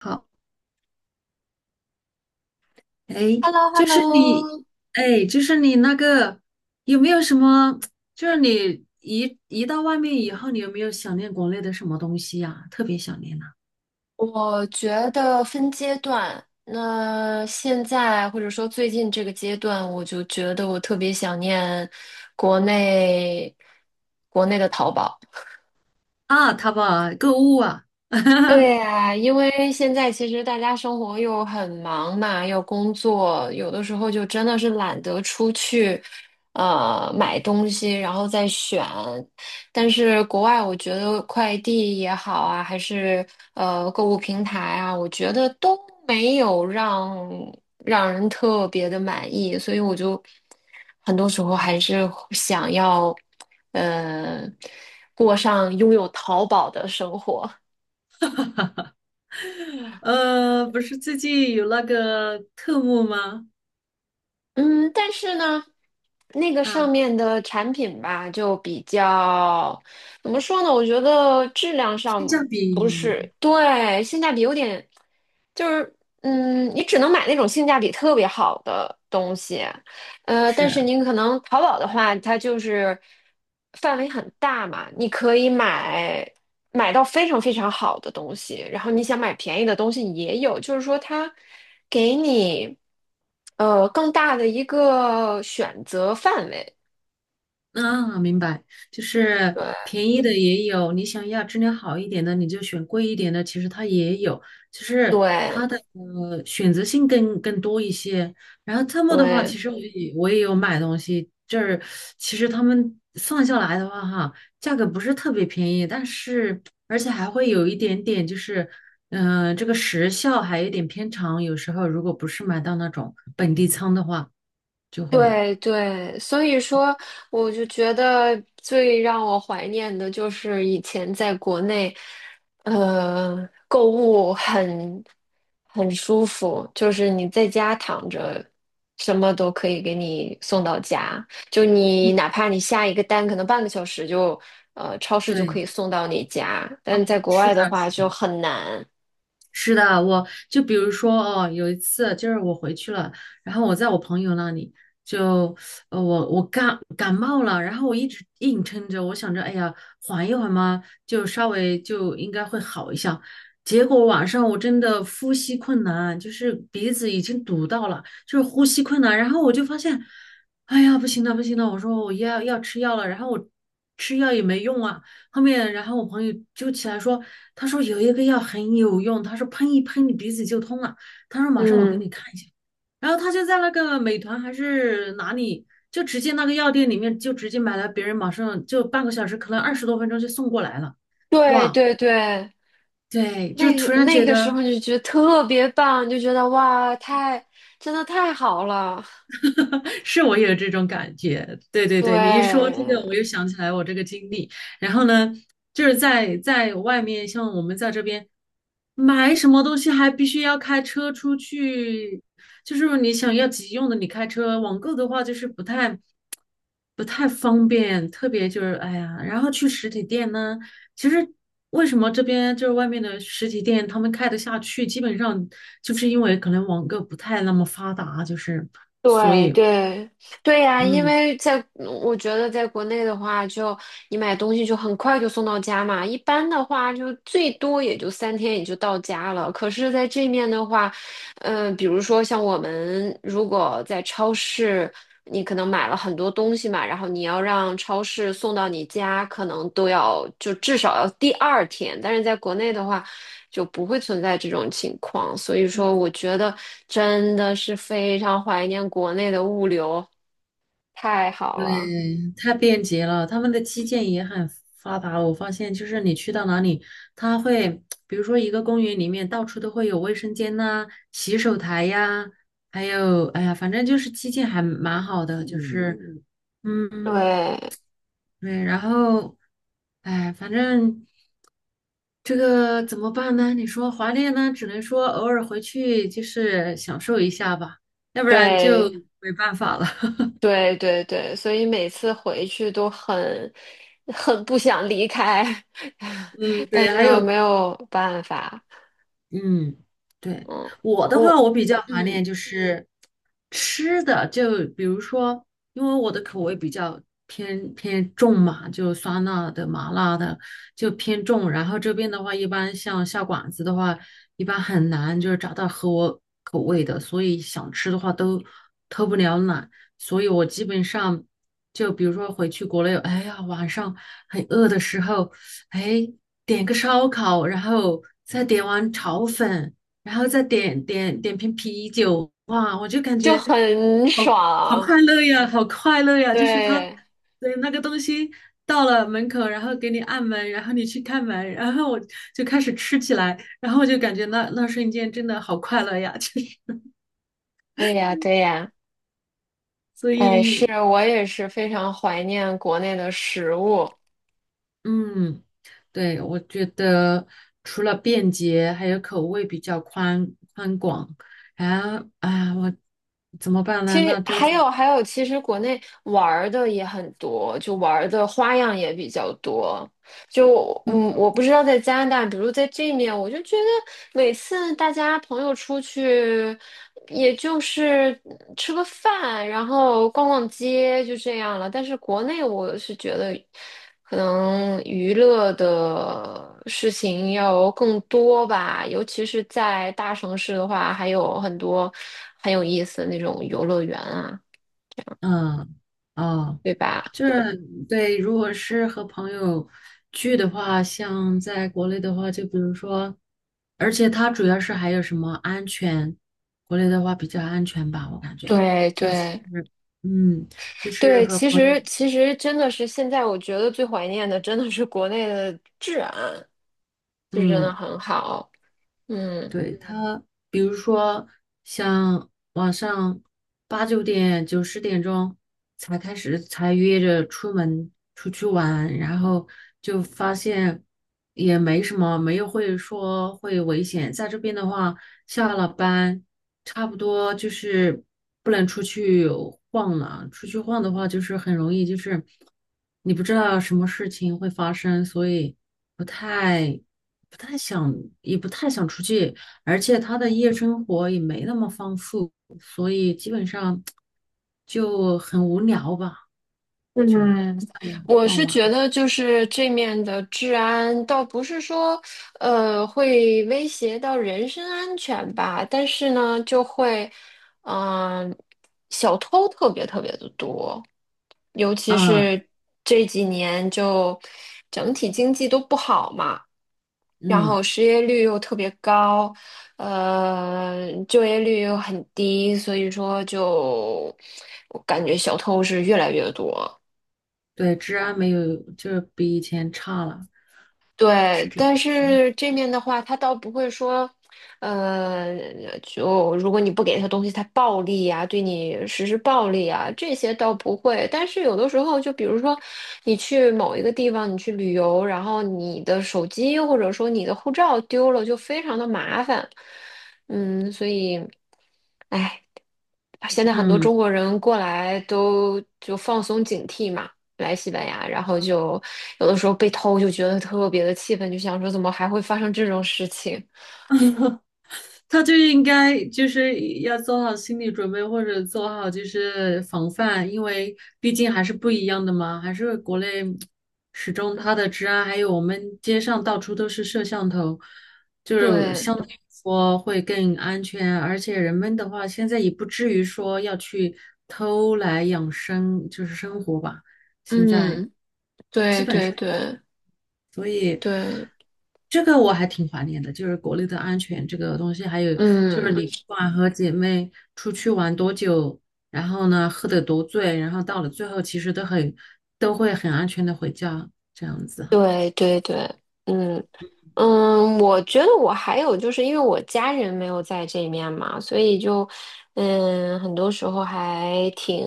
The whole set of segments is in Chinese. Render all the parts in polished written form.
好，哎，h e l l o h e l 就 l 是你，o 哎，就是你那个有没有什么？就是你一到外面以后，你有没有想念国内的什么东西呀、特别想念呐、我觉得分阶段。那现在或者说最近这个阶段，我就觉得我特别想念国内国内的淘宝。啊？啊淘宝啊购物啊，对呀，因为现在其实大家生活又很忙嘛，又工作，有的时候就真的是懒得出去，买东西，然后再选。但是国外，我觉得快递也好啊，还是购物平台啊，我觉得都没有让人特别的满意，所以我就很多时候啊，还是想要，呃，过上拥有淘宝的生活。不是最近有那个特务吗？嗯，但是呢，那个上啊，面的产品吧，就比较，怎么说呢？我觉得质量性价上不比是，对，性价比有点，就是，你只能买那种性价比特别好的东西，但是是。您可能淘宝的话，它就是范围很大嘛，你可以买。买到非常非常好的东西，然后你想买便宜的东西也有，就是说它给你更大的一个选择范围。啊，明白，就是对便宜的也有，你想要质量好一点的，你就选贵一点的，其实它也有，就是它的选择性更多一些。然后特么的话，对。其实我也有买东西，就是其实他们算下来的话，哈，价格不是特别便宜，但是而且还会有一点点就是，嗯、这个时效还有一点偏长，有时候如果不是买到那种本地仓的话，就会，对对，所以说，我就觉得最让我怀念的就是以前在国内，购物很舒服，就是你在家躺着，什么都可以给你送到家，就你嗯，哪怕你下一个单，可能半个小时就，超市就可对，以送到你家，但在国是外的的，话是的。就很难。是的，我就比如说哦，有一次就是我回去了，然后我在我朋友那里就，呃，我感冒了，然后我一直硬撑着，我想着，哎呀，缓一缓嘛，就稍微就应该会好一下。结果晚上我真的呼吸困难，就是鼻子已经堵到了，就是呼吸困难。然后我就发现，哎呀，不行了，不行了，我说我要吃药了，然后我吃药也没用啊。后面，然后我朋友就起来说，他说有一个药很有用，他说喷一喷你鼻子就通了，他说马上我给嗯，你看一下，然后他就在那个美团还是哪里，就直接那个药店里面就直接买了，别人马上就半个小时，可能二十多分钟就送过来了，对哇，对对，对，就那突个然那觉个时候得。就觉得特别棒，就觉得哇，真的太好了。是我也有这种感觉。对对对，你一说这个，对我又想起来我这个经历。然后呢，就是在外面，像我们在这边买什么东西，还必须要开车出去。就是你想要急用的，你开车；网购的话，就是不太方便。特别就是哎呀，然后去实体店呢，其实为什么这边就是外面的实体店他们开得下去，基本上就是因为可能网购不太那么发达，就是所对以对对呀，因嗯，为我觉得在国内的话就，你买东西就很快就送到家嘛，一般的话就最多也就3天也就到家了。可是在这面的话，比如说像我们如果在超市，你可能买了很多东西嘛，然后你要让超市送到你家，可能都要就至少要第二天。但是在国内的话，就不会存在这种情况。所以说，我觉得真的是非常怀念国内的物流，太好对，了。太便捷了，他们的基建也很发达。我发现，就是你去到哪里，他会，比如说一个公园里面，到处都会有卫生间呐、洗手台呀，还有，哎呀，反正就是基建还蛮好的，就是，嗯，嗯对对，然后，哎，反正这个怎么办呢？你说华念呢，只能说偶尔回去就是享受一下吧，要不然就对，没办法了。对对对，所以每次回去都很不想离开，嗯，但对，是还又有。没有办法。嗯，对，嗯，我的话，我我比较怀嗯，念就是吃的，就比如说，因为我的口味比较偏重嘛，就酸辣的、麻辣的就偏重。然后这边的话，一般像下馆子的话，一般很难就是找到合我口味的，所以想吃的话都偷不了懒。所以我基本上就比如说回去国内，哎呀，晚上很饿的时候。哎，点个烧烤，然后再点碗炒粉，然后再点瓶啤酒，哇，我就感就觉很好好快爽。乐呀，好快乐呀！就是他，对，对，那个东西到了门口，然后给你按门，然后你去开门，然后我就开始吃起来，然后我就感觉那瞬间真的好快乐呀，就是对呀，对呀。所哎，是以我也是非常怀念国内的食物。嗯，对，我觉得除了便捷，还有口味比较宽广。啊啊，我怎么办呢？其实那这个还种，有还有，其实国内玩儿的也很多，就玩儿的花样也比较多。嗯我不知道在加拿大，比如在这面，我就觉得每次大家朋友出去，也就是吃个饭，然后逛逛街，就这样了。但是国内，我是觉得可能娱乐的事情要更多吧，尤其是在大城市的话，还有很多很有意思的那种游乐园啊，嗯哦，对吧？就是对，如果是和朋友聚的话，像在国内的话，就比如说，而且它主要是还有什么安全，国内的话比较安全吧，我感觉对就是，对，嗯，就是对，和其朋友，实其实真的是现在我觉得最怀念的真的是国内的治安，就真的嗯。很好。嗯对他，比如说像晚上八九点、九十点钟才开始，才约着出门出去玩，然后就发现也没什么，没有会说会危险。在这边的话，下了班差不多就是不能出去晃了，出去晃的话就是很容易就是你不知道什么事情会发生，所以不太。不太想，也不太想出去，而且他的夜生活也没那么丰富，所以基本上就很无聊吧，就嗯，我傍是晚觉得就是这面的治安倒不是说会威胁到人身安全吧，但是呢就会嗯、小偷特别特别的多。尤其啊，是这几年就整体经济都不好嘛，然后嗯，失业率又特别高，就业率又很低，所以说就我感觉小偷是越来越多。对，治安没有，就是比以前差了，对，但是这面的话，他倒不会说，呃，就如果你不给他东西，他暴力呀、对你实施暴力啊，这些倒不会。但是有的时候，就比如说你去某一个地方，你去旅游，然后你的手机或者说你的护照丢了，就非常的麻烦。嗯，所以，哎，现在很多嗯。中国人过来都就放松警惕嘛。来西班牙，然后就有的时候被偷，就觉得特别的气愤，就想说怎么还会发生这种事情？他就应该就是要做好心理准备，或者做好就是防范，因为毕竟还是不一样的嘛，还是国内始终它的治安，还有我们街上到处都是摄像头，就是对，相对来说会更安全，而且人们的话现在也不至于说要去偷来养生，就是生活吧，现在。嗯，基对本对上。对所以对，这个我还挺怀念的，就是国内的安全这个东西，还有就是嗯，你不管和姐妹出去玩多久，然后呢喝得多醉，然后到了最后其实都很都会很安全的回家，这样子对对对，嗯嗯，我觉得我还有就是因为我家人没有在这面嘛，所以很多时候还挺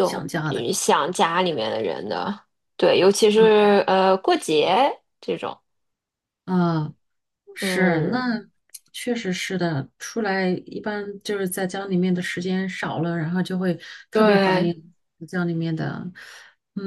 想家的，想家里面的人的，对，尤其嗯是过节这种，啊是，嗯，那确实是的，出来一般就是在家里面的时间少了，然后就会特别怀对。念家里面的，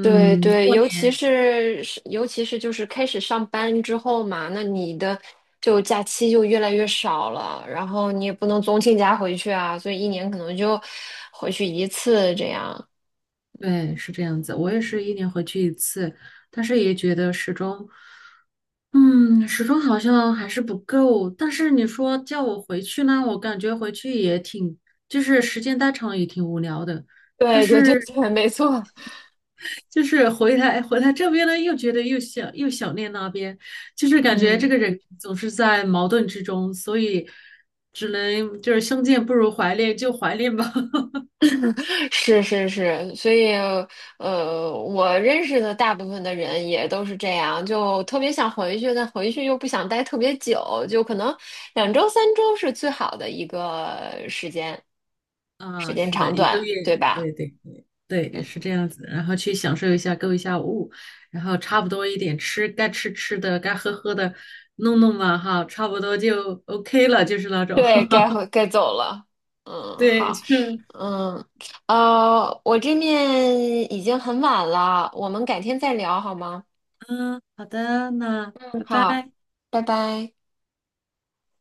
对对，过尤其是就是开始上班之后嘛，那你的就假期就越来越少了，然后你也不能总请假回去啊，所以一年可能就回去一次这样。对，是这样子。我也是一年回去一次，但是也觉得始终，嗯，始终好像还是不够。但是你说叫我回去呢，我感觉回去也挺，就是时间待长了也挺无聊的。但对对对是对，没错，就是回来这边呢，又觉得又想念那边，就是感觉这嗯，个人总是在矛盾之中，所以只能就是相见不如怀念，就怀念吧。是是是，所以我认识的大部分的人也都是这样，就特别想回去，但回去又不想待特别久，就可能2周3周是最好的一个时间。时啊，间是的，长一个短，月，对吧？对对对对，嗯，是这样子。然后去享受一下，购一下物，然后差不多一点吃，该吃吃的，该喝喝的，弄弄嘛哈，差不多就 OK 了，就是那种。对，该走了。嗯，对，好，就嗯，我这面已经很晚了，我们改天再聊好吗？嗯，好的，那嗯，拜好，拜。拜拜。